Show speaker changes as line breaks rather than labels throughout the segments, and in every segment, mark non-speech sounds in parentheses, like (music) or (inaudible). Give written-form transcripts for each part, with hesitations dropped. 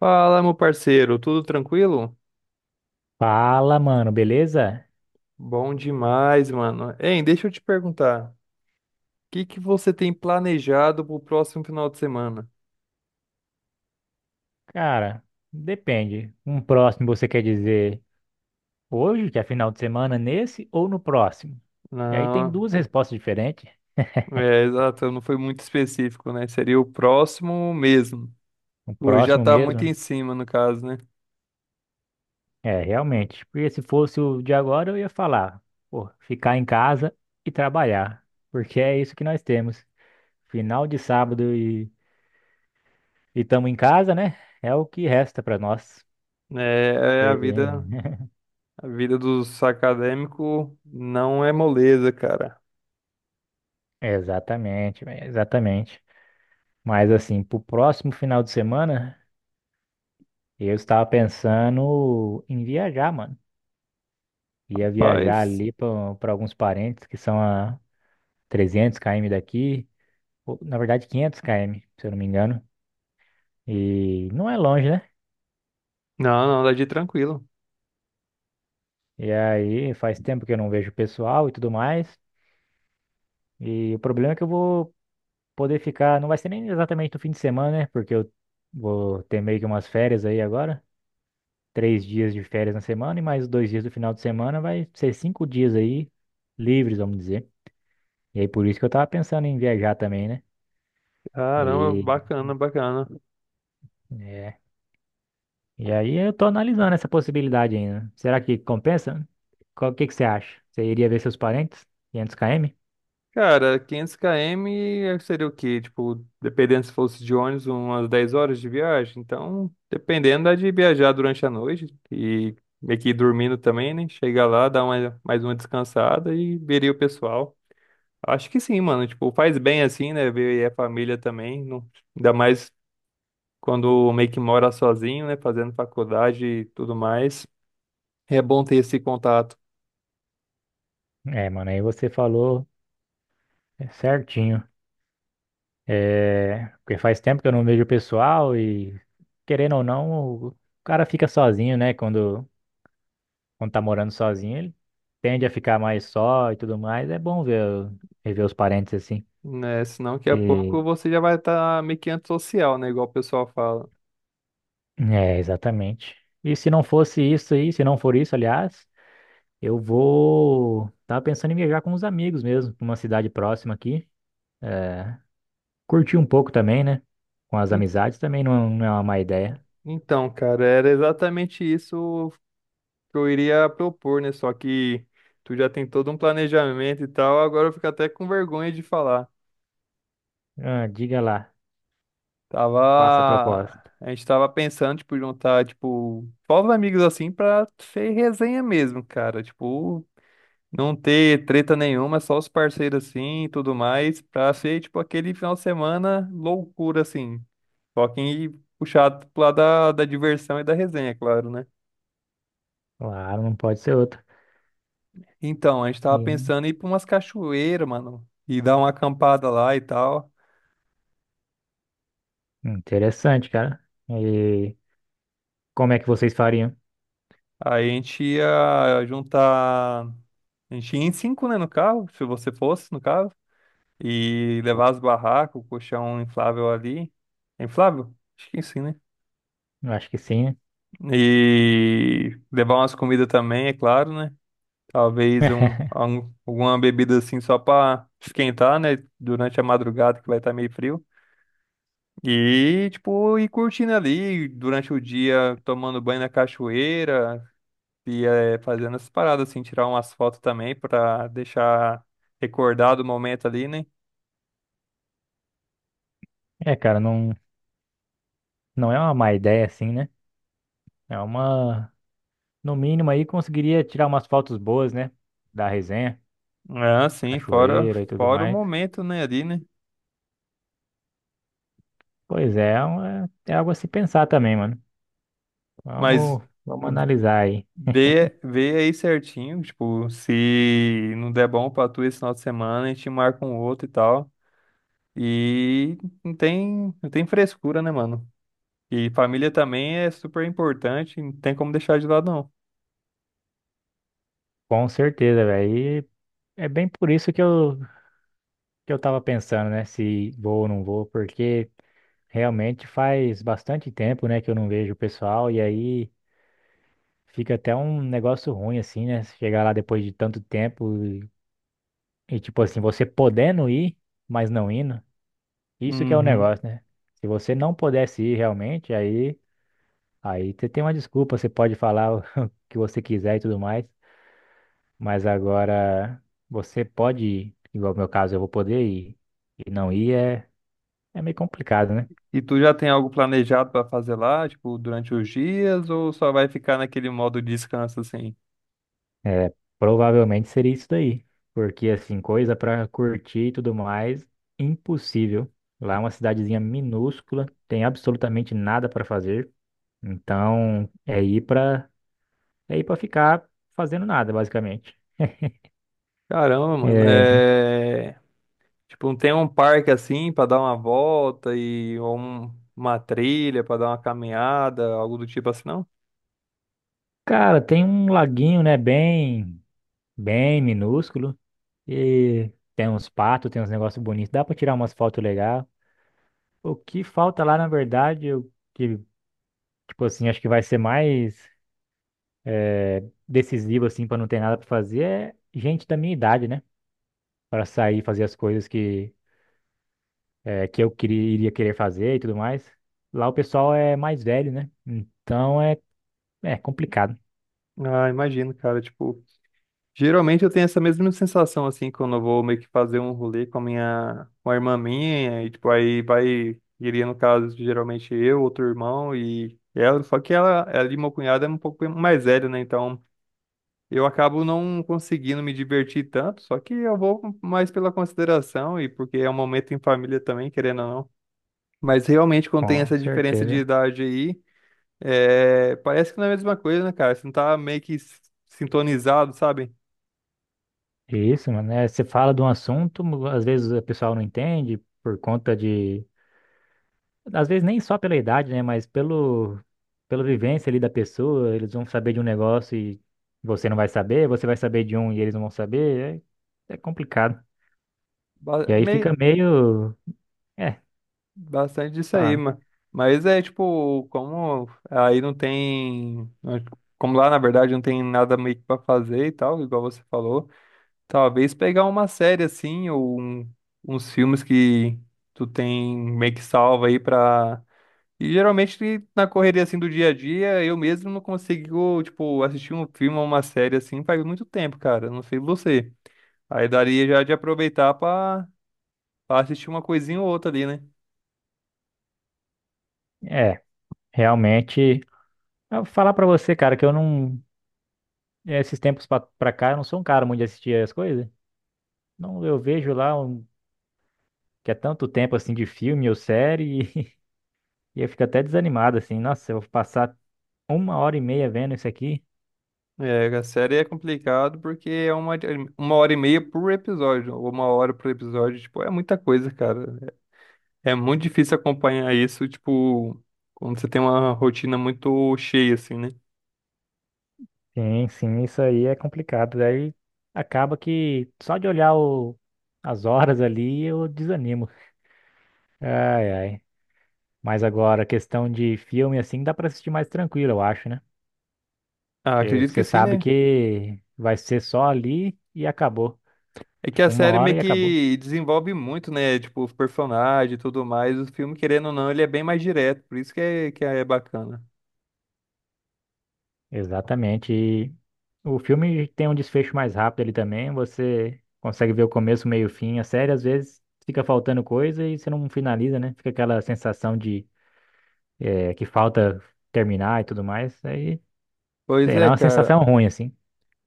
Fala, meu parceiro, tudo tranquilo?
Fala, mano, beleza?
Bom demais, mano. Hein, deixa eu te perguntar, o que que você tem planejado pro próximo final de semana?
Cara, depende. Um próximo você quer dizer hoje, que é final de semana, nesse ou no próximo? E aí tem
Não,
duas respostas diferentes.
é, exato, não foi muito específico, né? Seria o próximo mesmo.
O
Hoje já
próximo
tá muito
mesmo,
em cima, no caso, né?
é, realmente. Porque se fosse o de agora, eu ia falar, pô, ficar em casa e trabalhar. Porque é isso que nós temos. Final de sábado e estamos em casa, né? É o que resta para nós.
É, é
E- (laughs)
a vida dos acadêmicos não é moleza, cara.
Exatamente, véi, exatamente. Mas assim, pro próximo final de semana. E eu estava pensando em viajar, mano. Ia viajar
Paz.
ali para alguns parentes que são a 300 km daqui, ou, na verdade 500 km, se eu não me engano. E não é longe, né?
Não, não, dá de tranquilo.
E aí faz tempo que eu não vejo o pessoal e tudo mais. E o problema é que eu vou poder ficar, não vai ser nem exatamente no fim de semana, né? Porque eu vou ter meio que umas férias aí agora. 3 dias de férias na semana e mais 2 dias do final de semana, vai ser 5 dias aí livres, vamos dizer. E aí por isso que eu tava pensando em viajar também, né?
Caramba,
E,
bacana, bacana.
é, e aí eu tô analisando essa possibilidade ainda. Será que compensa? O que que você acha? Você iria ver seus parentes? 500 km?
Cara, 500 km seria o quê? Tipo, dependendo se fosse de ônibus, umas 10 horas de viagem. Então, dependendo, dá de viajar durante a noite e meio que ir dormindo também, né? Chegar lá, mais uma descansada e veria o pessoal. Acho que sim, mano. Tipo, faz bem assim, né? Ver a família também. Ainda mais quando meio que mora sozinho, né? Fazendo faculdade e tudo mais. É bom ter esse contato,
É, mano, aí você falou é, certinho. É, porque faz tempo que eu não vejo o pessoal e, querendo ou não, o cara fica sozinho, né? Quando tá morando sozinho, ele tende a ficar mais só e tudo mais. É bom ver, rever os parentes assim.
né? Senão, daqui a
E
pouco você já vai estar meio que antissocial, né? Igual o pessoal fala.
É, exatamente. E se não fosse isso aí, se não for isso, aliás, eu vou. Tava pensando em viajar com os amigos mesmo, pra uma cidade próxima aqui. É, curtir um pouco também, né? Com as amizades também não, é, não é uma má ideia.
Então, cara, era exatamente isso que eu iria propor, né? Só que tu já tem todo um planejamento e tal, agora eu fico até com vergonha de falar.
Ah, diga lá, faça a
Tava.
proposta.
A gente tava pensando, tipo, juntar, tipo, povos amigos assim pra ser resenha mesmo, cara. Tipo, não ter treta nenhuma, só os parceiros assim e tudo mais, pra ser, tipo, aquele final de semana loucura, assim. Só que puxado pro lado da diversão e da resenha, é claro, né?
Claro, não pode ser outra.
Então, a gente tava
E-
pensando em ir pra umas cachoeiras, mano, e dar uma acampada lá e tal.
Interessante, cara. E como é que vocês fariam?
Aí a gente ia juntar. A gente ia em cinco, né, no carro, se você fosse, no carro, e levar as barracas, o colchão inflável ali. É inflável? Acho que sim, né?
Eu acho que sim, né?
E levar umas comidas também, é claro, né? Talvez
(laughs)
alguma bebida assim só pra esquentar, né? Durante a madrugada que vai estar meio frio. E, tipo, ir curtindo ali durante o dia, tomando banho na cachoeira e fazendo essas paradas, assim, tirar umas fotos também pra deixar recordado o momento ali, né?
É, cara, não é uma má ideia assim, né? É uma. No mínimo aí conseguiria tirar umas fotos boas, né? Da resenha,
Ah, sim, fora,
cachoeira e tudo
fora o
mais.
momento, né, ali, né?
Pois é, é algo a se pensar também, mano.
Mas
Vamos, vamos analisar aí.
vê aí certinho, tipo, se não der bom pra tu esse final de semana, a gente marca um outro e tal. E não tem frescura, né, mano? E família também é super importante, não tem como deixar de lado, não.
Com certeza, velho. E é bem por isso que eu tava pensando, né? Se vou ou não vou, porque realmente faz bastante tempo, né, que eu não vejo o pessoal e aí fica até um negócio ruim, assim, né? Chegar lá depois de tanto tempo e tipo assim, você podendo ir, mas não indo. Isso que é o
Uhum.
negócio, né? Se você não pudesse ir realmente, aí você tem uma desculpa, você pode falar (laughs) o que você quiser e tudo mais, mas agora você pode ir, igual no meu caso, eu vou poder ir e não ir é meio complicado, né?
E tu já tem algo planejado pra fazer lá, tipo, durante os dias, ou só vai ficar naquele modo descanso assim?
É, provavelmente seria isso daí, porque assim, coisa pra curtir e tudo mais, impossível. Lá é uma cidadezinha minúscula, tem absolutamente nada pra fazer, então é ir pra é ir para ficar fazendo nada, basicamente.
Caramba, mano,
É,
é. Tipo, não tem um parque assim pra dar uma volta e ou uma trilha pra dar uma caminhada, algo do tipo assim, não?
cara, tem um laguinho, né, bem, bem minúsculo e tem uns patos, tem uns negócios bonitos, dá pra tirar umas fotos legais. O que falta lá, na verdade, eu, que, tipo assim, acho que vai ser mais decisivo, assim, pra não ter nada pra fazer, é gente da minha idade, né. Pra sair e fazer as coisas que eu queria, iria querer fazer e tudo mais. Lá o pessoal é mais velho, né, então é complicado,
Ah, imagino, cara, tipo. Geralmente eu tenho essa mesma sensação, assim, quando eu vou meio que fazer um rolê com a irmã minha, e tipo, aí iria no caso, geralmente eu, outro irmão e ela, só que ela e meu cunhado é um pouco mais velho, né? Então eu acabo não conseguindo me divertir tanto, só que eu vou mais pela consideração e porque é um momento em família também, querendo ou não. Mas realmente quando tem
com
essa diferença de
certeza.
idade aí, é, parece que não é a mesma coisa, né, cara? Você não tá meio que sintonizado, sabe?
Isso, mano. É, você fala de um assunto, às vezes o pessoal não entende por conta de. Às vezes nem só pela idade, né? Mas pela vivência ali da pessoa. Eles vão saber de um negócio e você não vai saber, você vai saber de um e eles não vão saber. É complicado.
Ba-
E aí
mei-
fica meio. É,
Bastante disso aí,
fala-
mano. Mas é tipo, como aí não tem. Como lá na verdade não tem nada meio que pra fazer e tal, igual você falou. Talvez pegar uma série assim, ou uns filmes que tu tem meio que salva aí pra. E geralmente na correria assim do dia a dia, eu mesmo não consigo, tipo, assistir um filme ou uma série assim faz muito tempo, cara. Não sei você. Aí daria já de aproveitar pra assistir uma coisinha ou outra ali, né?
é, realmente. Eu vou falar pra você, cara, que eu não. Esses tempos pra cá, eu não sou um cara muito de assistir as coisas. Não, eu vejo lá um, que é tanto tempo assim de filme ou série. (laughs) E eu fico até desanimado, assim, nossa, eu vou passar uma hora e meia vendo isso aqui.
É, a série é complicado porque é uma hora e meia por episódio, ou uma hora por episódio, tipo, é muita coisa, cara. É muito difícil acompanhar isso, tipo, quando você tem uma rotina muito cheia, assim, né?
Sim, sim, isso aí é complicado. Daí Acaba que só de olhar as horas ali eu desanimo. Ai, ai. Mas agora, questão de filme, assim, dá pra assistir mais tranquilo, eu acho, né?
Ah,
Porque
acredito
você
que sim,
sabe
né?
que vai ser só ali e acabou.
É que a
Tipo, uma
série
hora
meio
e acabou.
que desenvolve muito, né? Tipo, os personagens e tudo mais. O filme, querendo ou não, ele é bem mais direto, por isso que que é bacana.
Exatamente. E o filme tem um desfecho mais rápido ali também. Você consegue ver o começo, meio e fim. A série, às vezes, fica faltando coisa e você não finaliza, né? Fica aquela sensação de que falta terminar e tudo mais. Aí,
Pois
sei lá, é
é,
uma sensação
cara.
ruim, assim.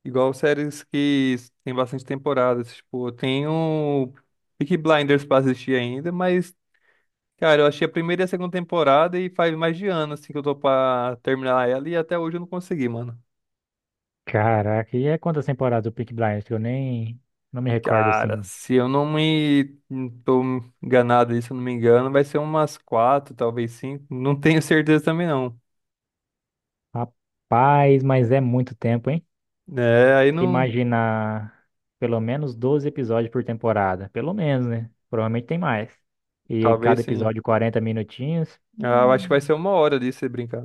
Igual séries que tem bastante temporadas, tipo, tem o Peaky Blinders pra assistir ainda, mas Cara, eu achei a primeira e a segunda temporada e faz mais de ano, assim, que eu tô pra terminar ela e até hoje eu não consegui, mano.
Caraca, e é quantas temporadas do Peaky Blinders que eu nem não me recordo,
Cara,
assim.
se eu não me engano, vai ser umas quatro, talvez cinco. Não tenho (laughs) certeza também, não.
Rapaz, mas é muito tempo, hein?
É, aí não.
Imaginar pelo menos 12 episódios por temporada, pelo menos, né? Provavelmente tem mais. E
Talvez
cada
sim.
episódio 40 minutinhos.
Ah, eu acho que vai ser uma hora disso, se brincar.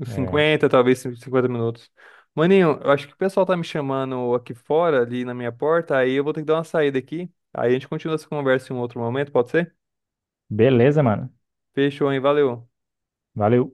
Uns
É.
50, talvez 50 minutos. Maninho, eu acho que o pessoal tá me chamando aqui fora, ali na minha porta, aí eu vou ter que dar uma saída aqui. Aí a gente continua essa conversa em um outro momento, pode ser?
Beleza, mano.
Fechou, hein? Valeu.
Valeu.